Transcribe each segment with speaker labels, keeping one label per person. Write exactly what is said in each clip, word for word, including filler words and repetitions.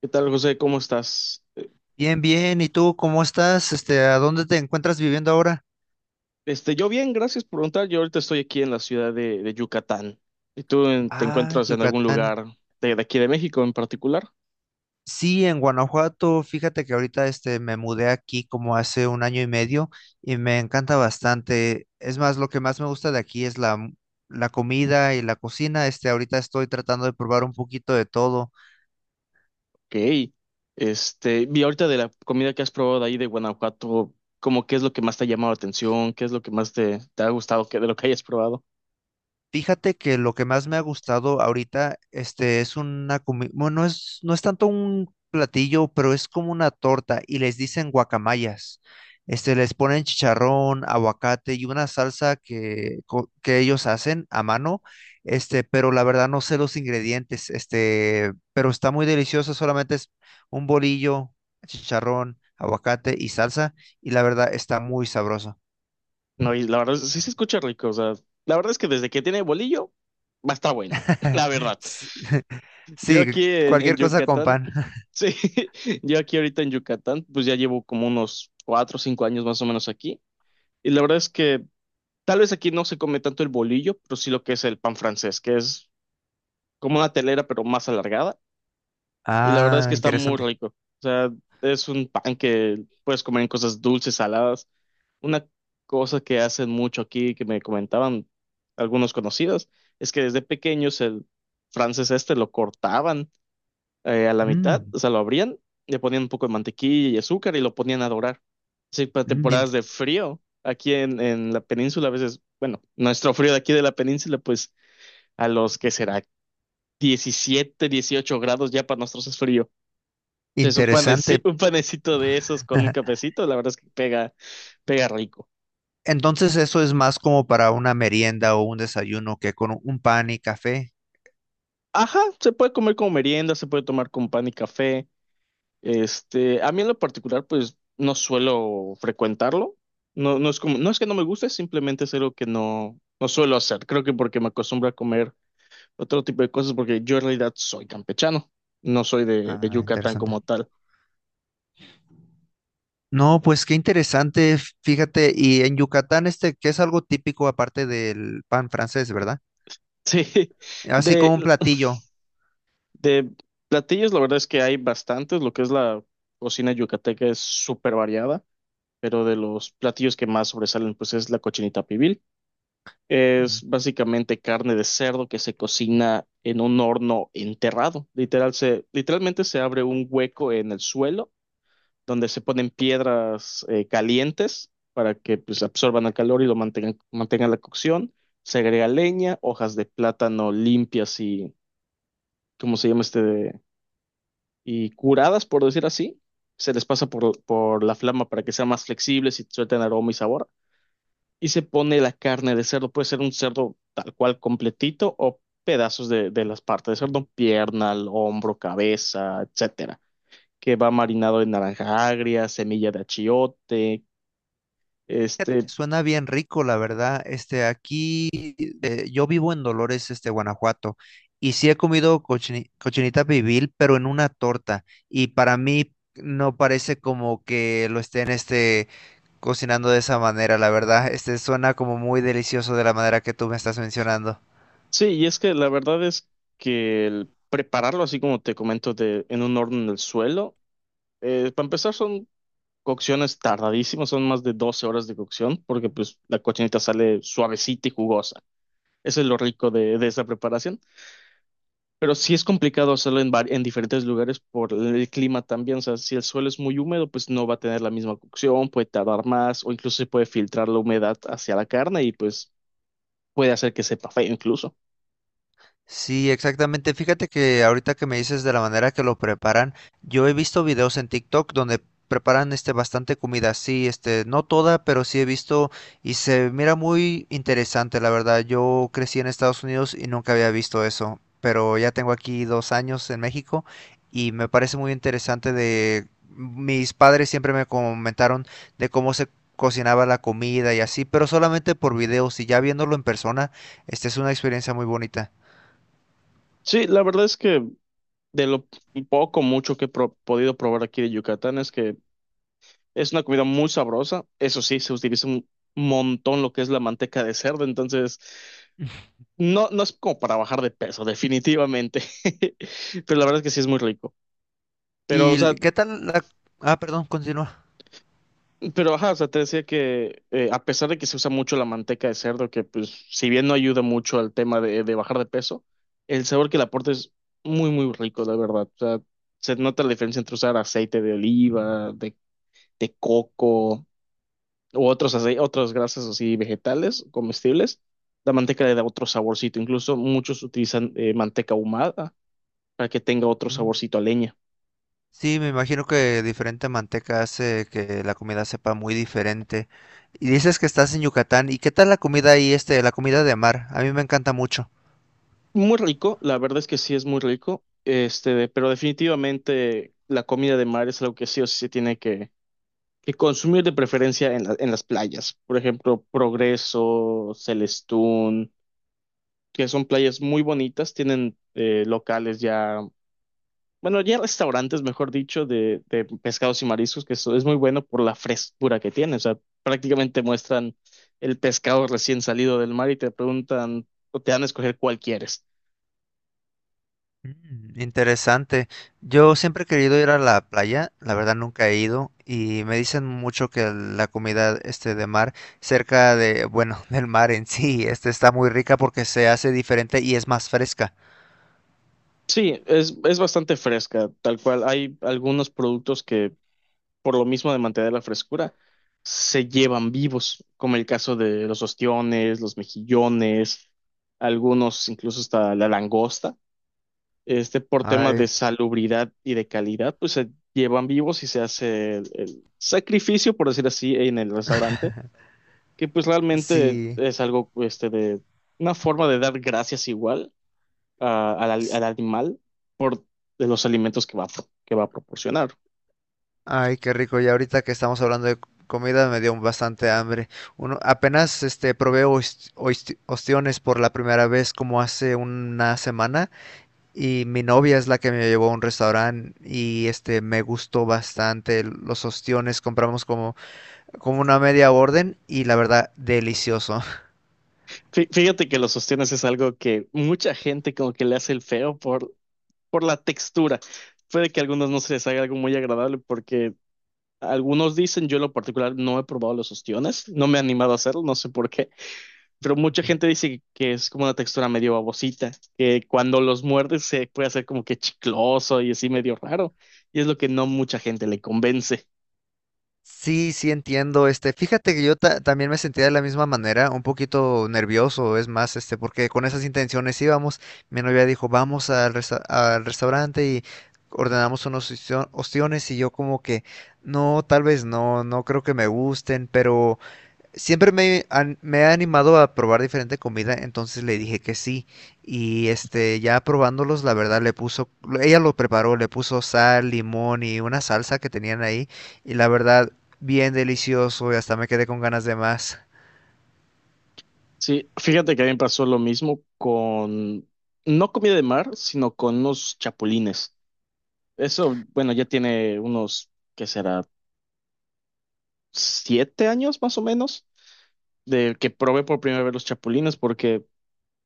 Speaker 1: ¿Qué tal, José? ¿Cómo estás? Eh,
Speaker 2: Bien, bien. ¿Y tú cómo estás? Este, ¿a dónde te encuentras viviendo ahora?
Speaker 1: Este, yo bien, gracias por preguntar. Yo ahorita estoy aquí en la ciudad de, de Yucatán. ¿Y tú en- te
Speaker 2: Ah,
Speaker 1: encuentras en algún
Speaker 2: Yucatán.
Speaker 1: lugar de, de aquí de México en particular?
Speaker 2: Sí, en Guanajuato. Fíjate que ahorita este me mudé aquí como hace un año y medio y me encanta bastante. Es más, lo que más me gusta de aquí es la, m- la comida y la cocina. Este, ahorita estoy tratando de probar un poquito de todo.
Speaker 1: Ok. Este, vi ahorita de la comida que has probado de ahí de Guanajuato, ¿cómo qué es lo que más te ha llamado la atención? ¿Qué es lo que más te, te ha gustado que, de lo que hayas probado?
Speaker 2: Fíjate que lo que más me ha gustado ahorita, este, es una comida, bueno, no es, no es tanto un platillo, pero es como una torta y les dicen guacamayas. Este, les ponen chicharrón, aguacate y una salsa que, co- que ellos hacen a mano, este, pero la verdad no sé los ingredientes. Este, pero está muy delicioso, solamente es un bolillo, chicharrón, aguacate y salsa, y la verdad está muy sabroso.
Speaker 1: No, y la verdad, sí se escucha rico. O sea, la verdad es que desde que tiene bolillo, va a estar bueno. La verdad.
Speaker 2: Sí,
Speaker 1: Yo
Speaker 2: sí,
Speaker 1: aquí en, en
Speaker 2: cualquier cosa con
Speaker 1: Yucatán,
Speaker 2: pan.
Speaker 1: sí, yo aquí ahorita en Yucatán, pues ya llevo como unos cuatro o cinco años más o menos aquí. Y la verdad es que tal vez aquí no se come tanto el bolillo, pero sí lo que es el pan francés, que es como una telera, pero más alargada. Y la verdad es
Speaker 2: Ah,
Speaker 1: que está muy
Speaker 2: interesante.
Speaker 1: rico. O sea, es un pan que puedes comer en cosas dulces, saladas. Una cosa que hacen mucho aquí, que me comentaban algunos conocidos, es que desde pequeños el francés este lo cortaban eh, a la mitad,
Speaker 2: Mm,
Speaker 1: o sea, lo abrían, le ponían un poco de mantequilla y azúcar y lo ponían a dorar. Sí, para
Speaker 2: mm, in-
Speaker 1: temporadas de frío, aquí en, en la península, a veces, bueno, nuestro frío de aquí de la península, pues a los que será diecisiete, dieciocho grados ya para nosotros es frío. Entonces, un
Speaker 2: Interesante.
Speaker 1: panecito, un panecito de esos con un cafecito, la verdad es que pega, pega rico.
Speaker 2: Entonces eso es más como para una merienda o un desayuno que con un pan y café.
Speaker 1: Ajá, se puede comer como merienda, se puede tomar con pan y café. Este, a mí en lo particular, pues no suelo frecuentarlo. No, no es como, no es que no me guste, simplemente es algo que no, no suelo hacer. Creo que porque me acostumbro a comer otro tipo de cosas, porque yo en realidad soy campechano, no soy de, de
Speaker 2: Ah,
Speaker 1: Yucatán
Speaker 2: interesante.
Speaker 1: como tal.
Speaker 2: No, pues qué interesante, fíjate, y en Yucatán este, que es algo típico aparte del pan francés, verdad?
Speaker 1: Sí,
Speaker 2: Así
Speaker 1: de,
Speaker 2: como un platillo.
Speaker 1: de platillos, la verdad es que hay bastantes. Lo que es la cocina yucateca es súper variada, pero de los platillos que más sobresalen, pues es la cochinita pibil. Es básicamente carne de cerdo que se cocina en un horno enterrado. Literal, se, literalmente se abre un hueco en el suelo donde se ponen piedras eh, calientes para que pues, absorban el calor y lo mantengan, mantengan la cocción. Se agrega leña, hojas de plátano limpias y, ¿cómo se llama este? Y curadas, por decir así, se les pasa por, por la flama para que sean más flexibles y suelten aroma y sabor. Y se pone la carne de cerdo, puede ser un cerdo tal cual completito o pedazos de, de las partes de cerdo, pierna, el hombro, cabeza, etcétera, que va marinado en naranja agria, semilla de achiote,
Speaker 2: Fíjate que
Speaker 1: este,
Speaker 2: suena bien rico, la verdad. Este, aquí eh, yo vivo en Dolores, este, Guanajuato, y sí he comido cochini- cochinita pibil, pero en una torta. Y para mí no parece como que lo estén, este, cocinando de esa manera, la verdad. Este, suena como muy delicioso de la manera que tú me estás mencionando.
Speaker 1: sí, y es que la verdad es que el prepararlo así como te comento de, en un horno en el suelo, eh, para empezar son cocción es tardadísimo, son más de doce horas de cocción, porque pues la cochinita sale suavecita y jugosa. Eso es lo rico de, de esa preparación. Pero sí es complicado hacerlo en, vari- en diferentes lugares por el clima también. O sea, si el suelo es muy húmedo, pues no va a tener la misma cocción, puede tardar más, o incluso se puede filtrar la humedad hacia la carne y pues puede hacer que sepa feo incluso.
Speaker 2: Sí, exactamente. Fíjate que ahorita que me dices de la manera que lo preparan, yo he visto videos en TikTok donde preparan este bastante comida, sí, este, no toda, pero sí he visto y se mira muy interesante, la verdad. Yo crecí en Estados Unidos y nunca había visto eso, pero ya tengo aquí dos años en México y me parece muy interesante. De mis padres siempre me comentaron de cómo se cocinaba la comida y así, pero solamente por videos, y ya viéndolo en persona, esta es una experiencia muy bonita.
Speaker 1: Sí, la verdad es que de lo poco, mucho que he pro- podido probar aquí de Yucatán es que es una comida muy sabrosa. Eso sí, se utiliza un montón lo que es la manteca de cerdo. Entonces, no, no es como para bajar de peso, definitivamente. Pero la verdad es que sí es muy rico. Pero, o sea,
Speaker 2: ¿Y qué tal la? Ah, perdón, continúa.
Speaker 1: pero ajá, o sea, te decía que eh, a pesar de que se usa mucho la manteca de cerdo, que pues si bien no ayuda mucho al tema de, de bajar de peso, el sabor que le aporta es muy, muy rico, la verdad. O sea, se nota la diferencia entre usar aceite de oliva, de, de coco, u otros ace- otras grasas así vegetales, comestibles, la manteca le da otro saborcito. Incluso muchos utilizan eh, manteca ahumada para que tenga otro
Speaker 2: Mm.
Speaker 1: saborcito a leña.
Speaker 2: Sí, me imagino que diferente manteca hace que la comida sepa muy diferente. Y dices que estás en Yucatán. ¿Y qué tal la comida ahí, este, la comida de mar? A mí me encanta mucho.
Speaker 1: Muy rico, la verdad es que sí es muy rico, este, pero definitivamente la comida de mar es algo que sí o sí se tiene que, que consumir de preferencia en la- en las playas. Por ejemplo, Progreso, Celestún, que son playas muy bonitas, tienen eh, locales ya, bueno, ya restaurantes, mejor dicho, de, de pescados y mariscos, que eso es muy bueno por la frescura que tiene. O sea, prácticamente muestran el pescado recién salido del mar y te preguntan o te dan a escoger cuál quieres.
Speaker 2: Mm. Interesante. Yo siempre he querido ir a la playa, la verdad nunca he ido y me dicen mucho que la comida este de mar cerca de, bueno, del mar en sí, este está muy rica porque se hace diferente y es más fresca.
Speaker 1: Sí, es, es bastante fresca, tal cual. Hay algunos productos que, por lo mismo de mantener la frescura, se llevan vivos, como el caso de los ostiones, los mejillones, algunos incluso hasta la langosta. Este, por temas de
Speaker 2: Ay,
Speaker 1: salubridad y de calidad, pues se llevan vivos y se hace el, el sacrificio, por decir así, en el restaurante, que pues realmente
Speaker 2: sí.
Speaker 1: es algo, este, de una forma de dar gracias igual a- al, al- al animal por de los alimentos que va, a pro- que va a proporcionar.
Speaker 2: Ay, qué rico. Ya ahorita que estamos hablando de c- comida me dio bastante hambre. Uno, apenas este probé ois- ois- ostiones por la primera vez como hace una semana, y mi novia es la que me llevó a un restaurante y este me gustó bastante los ostiones. Compramos como como una media orden y la verdad delicioso.
Speaker 1: Fí- Fíjate que los ostiones es algo que mucha gente como que le hace el feo por, por la textura. Puede que a algunos no se les haga algo muy agradable porque algunos dicen, yo en lo particular no he probado los ostiones, no me he animado a hacerlo, no sé por qué, pero mucha gente dice que que es como una textura medio babosita, que cuando los muerdes se puede hacer como que chicloso y así medio raro, y es lo que no mucha gente le convence.
Speaker 2: Sí, sí entiendo, este, fíjate que yo ta- también me sentía de la misma manera, un poquito nervioso, es más, este, porque con esas intenciones íbamos, mi novia dijo, vamos al, resta- al restaurante y ordenamos unos ostio- ostiones y yo como que, no, tal vez no, no creo que me gusten, pero. Siempre me, han- me ha animado a probar diferente comida, entonces le dije que sí. Y este, ya probándolos, la verdad le puso, ella lo preparó, le puso sal, limón y una salsa que tenían ahí. Y la verdad, bien delicioso y hasta me quedé con ganas de más.
Speaker 1: Sí, fíjate que a mí me pasó lo mismo con, no comida de mar, sino con unos chapulines. Eso, bueno, ya tiene unos, ¿qué será? Siete años más o menos, de que probé por primera vez los chapulines, porque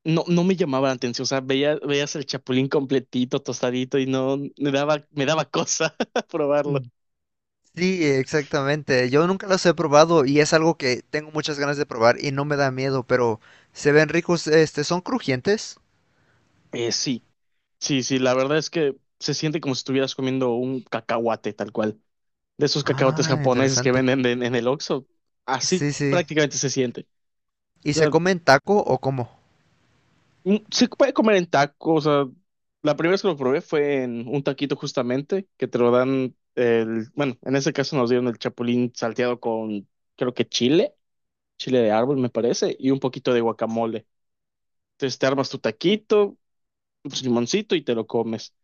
Speaker 1: no, no me llamaba la atención, o sea, veía, veías el chapulín completito, tostadito y no me daba, me daba cosa probarlo.
Speaker 2: Mm. Sí, exactamente. Yo nunca los he probado y es algo que tengo muchas ganas de probar y no me da miedo, pero se ven ricos, este, son crujientes.
Speaker 1: Eh, sí, sí, sí, la verdad es que se siente como si estuvieras comiendo un cacahuate tal cual, de esos cacahuates
Speaker 2: Ah,
Speaker 1: japoneses que
Speaker 2: interesante.
Speaker 1: venden en, en el Oxxo, así
Speaker 2: Sí, sí.
Speaker 1: prácticamente se siente.
Speaker 2: ¿Y
Speaker 1: O
Speaker 2: se
Speaker 1: sea,
Speaker 2: comen taco o cómo?
Speaker 1: mm, se puede comer en tacos, o sea, la primera vez que lo probé fue en un taquito justamente, que te lo dan, el, bueno, en ese caso nos dieron el chapulín salteado con, creo que chile chile de árbol, me parece, y un poquito de guacamole. Entonces te armas tu taquito, tu limoncito y te lo comes.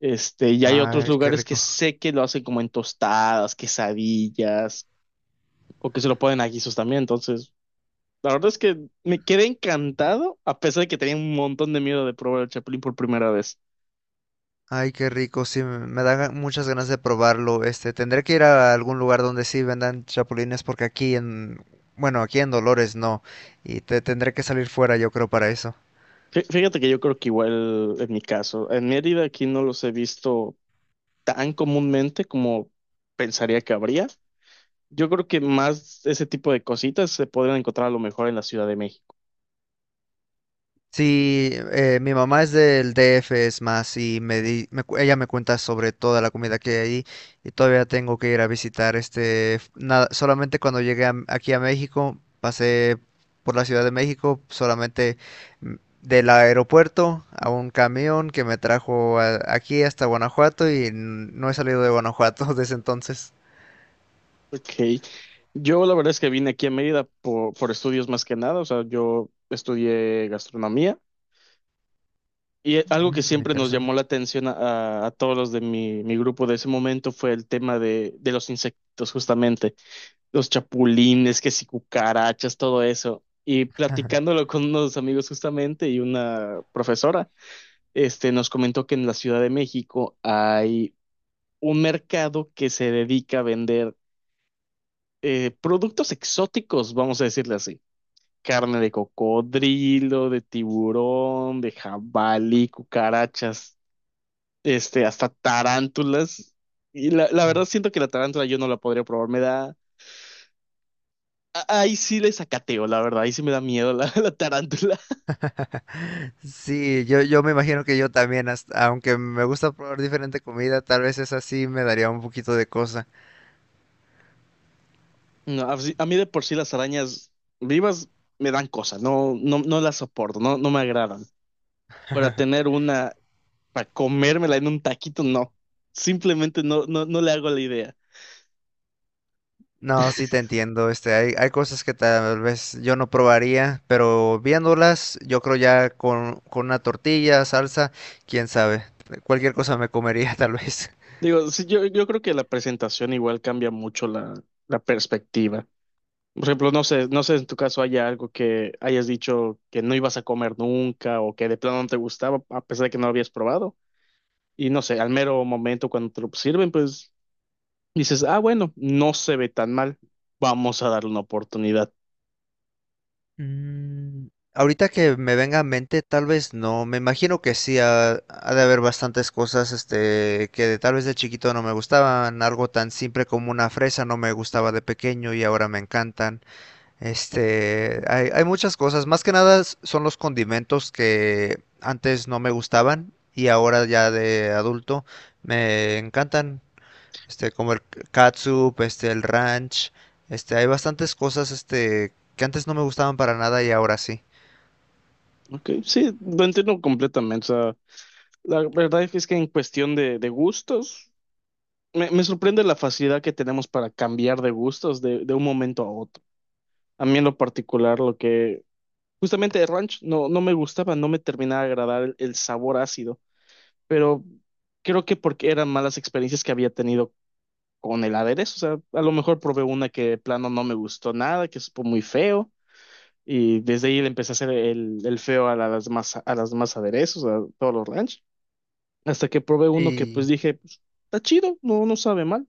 Speaker 1: Este, y hay otros
Speaker 2: Ay, qué
Speaker 1: lugares que
Speaker 2: rico.
Speaker 1: sé que lo hacen como en tostadas, quesadillas, o que se lo ponen a guisos también. Entonces, la verdad es que me quedé encantado, a pesar de que tenía un montón de miedo de probar el chapulín por primera vez.
Speaker 2: Ay, qué rico, sí, me me dan ga- muchas ganas de probarlo. Este, tendré que ir a algún lugar donde sí vendan chapulines porque aquí en, bueno, aquí en Dolores no. Y te tendré que salir fuera, yo creo, para eso.
Speaker 1: Fí- Fíjate que yo creo que igual en mi caso, en Mérida aquí no los he visto tan comúnmente como pensaría que habría. Yo creo que más ese tipo de cositas se podrían encontrar a lo mejor en la Ciudad de México.
Speaker 2: Sí, eh, mi mamá es del D F, es más, y me di- me cu- ella me cuenta sobre toda la comida que hay ahí, y todavía tengo que ir a visitar. Este, f- nada, solamente cuando llegué a- aquí a México, pasé por la Ciudad de México, solamente mm, del aeropuerto a un camión que me trajo a- aquí hasta Guanajuato, y n- no he salido de Guanajuato desde entonces.
Speaker 1: Ok. Yo la verdad es que vine aquí a Mérida por, por estudios más que nada. O sea, yo estudié gastronomía y eh, algo que
Speaker 2: Mm,
Speaker 1: siempre nos
Speaker 2: interesante.
Speaker 1: llamó la atención a, a todos los de mi, mi grupo de ese momento fue el tema de, de los insectos, justamente. Los chapulines, que si cucarachas, todo eso. Y platicándolo con unos amigos justamente y una profesora, este, nos comentó que en la Ciudad de México hay un mercado que se dedica a vender eh, productos exóticos, vamos a decirle así. Carne de cocodrilo, de tiburón, de jabalí, cucarachas, este, hasta tarántulas. Y la, la verdad siento que la tarántula yo no la podría probar, me da... a- Ahí sí le sacateo, la verdad, ahí sí me da miedo la, la tarántula.
Speaker 2: Sí, yo, yo me imagino que yo también, hasta- aunque me gusta probar diferente comida, tal vez esa sí me daría un poquito de cosa.
Speaker 1: No, a si, a mí de por sí las arañas vivas me dan cosas, no, no, no las soporto, no, no me agradan. Para tener una para comérmela en un taquito, no. Simplemente no, no, no le hago la idea.
Speaker 2: No, sí te entiendo, este, hay, hay cosas que tal vez yo no probaría, pero viéndolas, yo creo ya con, con una tortilla, salsa, quién sabe, cualquier cosa me comería tal vez.
Speaker 1: Digo, sí, yo, yo creo que la presentación igual cambia mucho la, la perspectiva. Por ejemplo, no sé, no sé en tu caso haya algo que hayas dicho que no ibas a comer nunca o que de plano no te gustaba a pesar de que no lo habías probado. Y no sé, al mero momento cuando te lo sirven, pues dices, ah, bueno, no se ve tan mal, vamos a darle una oportunidad.
Speaker 2: Mm, Ahorita que me venga a mente, tal vez no. Me imagino que sí, ha, ha de haber bastantes cosas, este, que de- tal vez de chiquito no me gustaban. Algo tan simple como una fresa no me gustaba de pequeño y ahora me encantan. Este, hay, hay muchas cosas. Más que nada s- son los condimentos que antes no me gustaban y ahora ya de adulto me encantan este, como el catsup, este, el ranch, este, hay bastantes cosas, este, que antes no me gustaban para nada y ahora sí.
Speaker 1: Ok, sí, lo entiendo completamente. O sea, la verdad es que en cuestión de, de gustos, Me, me sorprende la facilidad que tenemos para cambiar de gustos de, de un momento a otro. A mí en lo particular, lo que justamente el ranch no, no me gustaba, no me terminaba de agradar el, el sabor ácido, pero creo que porque eran malas experiencias que había tenido con el aderezo. O sea, a lo mejor probé una que de plano no me gustó nada, que supo muy feo, y desde ahí le empecé a hacer el, el feo a las demás, a las demás aderezos, a todos los ranch, hasta que probé uno que pues
Speaker 2: Sí,
Speaker 1: dije, pues, está chido, no, no sabe mal.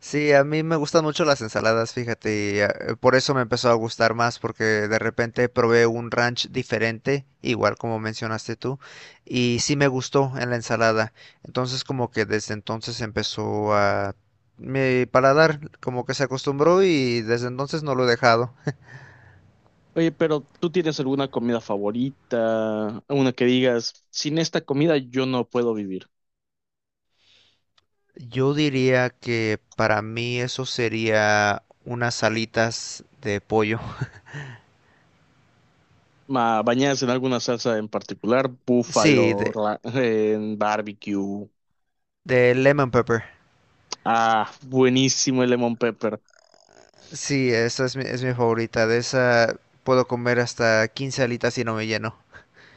Speaker 2: sí, a mí me gustan mucho las ensaladas, fíjate, y eh, por eso me empezó a gustar más, porque de repente probé un ranch diferente, igual como mencionaste tú, y sí me gustó en la ensalada. Entonces como que desde entonces empezó a, mi paladar como que se acostumbró y desde entonces no lo he dejado.
Speaker 1: Oye, pero ¿tú tienes alguna comida favorita? Una que digas, sin esta comida yo no puedo vivir.
Speaker 2: Yo diría que para mí eso sería unas alitas de pollo.
Speaker 1: Ma, bañadas en alguna salsa en particular,
Speaker 2: Sí,
Speaker 1: búfalo,
Speaker 2: de,
Speaker 1: ra- en barbecue.
Speaker 2: de lemon pepper.
Speaker 1: Ah, buenísimo el lemon pepper.
Speaker 2: Sí, esa es mi, es mi favorita. De esa puedo comer hasta quince alitas y no me lleno.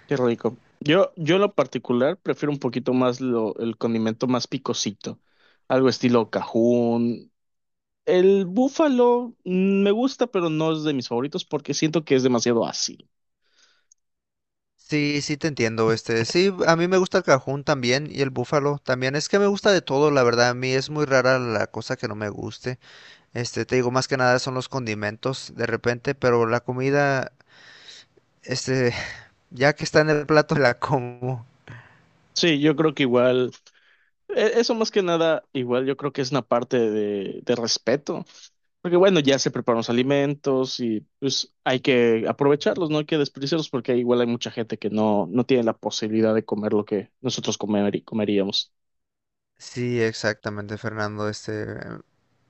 Speaker 1: Qué rico. Yo, yo en lo particular prefiero un poquito más lo, el condimento más picosito. Algo estilo cajún. El búfalo mm, me gusta, pero no es de mis favoritos porque siento que es demasiado ácido.
Speaker 2: Sí, sí te entiendo, este, sí, a mí me gusta el cajún también y el búfalo también, es que me gusta de todo, la verdad, a mí es muy rara la cosa que no me guste, este, te digo, más que nada son los condimentos de repente, pero la comida, este, ya que está en el plato la como.
Speaker 1: Sí, yo creo que igual. E- Eso más que nada, igual yo creo que es una parte de, de respeto, porque bueno, ya se preparan los alimentos y pues hay que aprovecharlos, no hay que desperdiciarlos porque igual hay mucha gente que no, no tiene la posibilidad de comer lo que nosotros comer, comeríamos.
Speaker 2: Sí, exactamente, Fernando, este,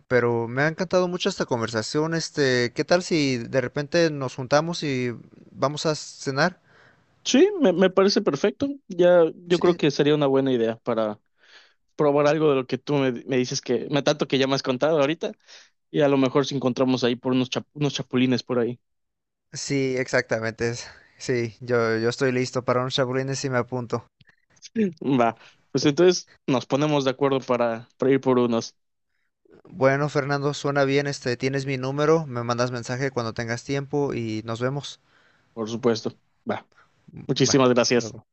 Speaker 2: pero me ha encantado mucho esta conversación. Este, ¿qué tal si de repente nos juntamos y vamos a cenar?
Speaker 1: Sí, me, me parece perfecto. Ya yo creo
Speaker 2: Sí,
Speaker 1: que sería una buena idea para probar algo de lo que tú me, me dices que, me tanto que ya me has contado ahorita y a lo mejor si encontramos ahí por unos, chap- unos chapulines por ahí.
Speaker 2: sí, exactamente, es- sí, yo, yo estoy listo para unos chapulines y me apunto.
Speaker 1: Va, pues entonces nos ponemos de acuerdo para, para ir por unos.
Speaker 2: Bueno, Fernando, suena bien, este, tienes mi número, me mandas mensaje cuando tengas tiempo y nos vemos.
Speaker 1: Por supuesto. Va.
Speaker 2: Mm, va,
Speaker 1: Muchísimas
Speaker 2: hasta
Speaker 1: gracias.
Speaker 2: luego.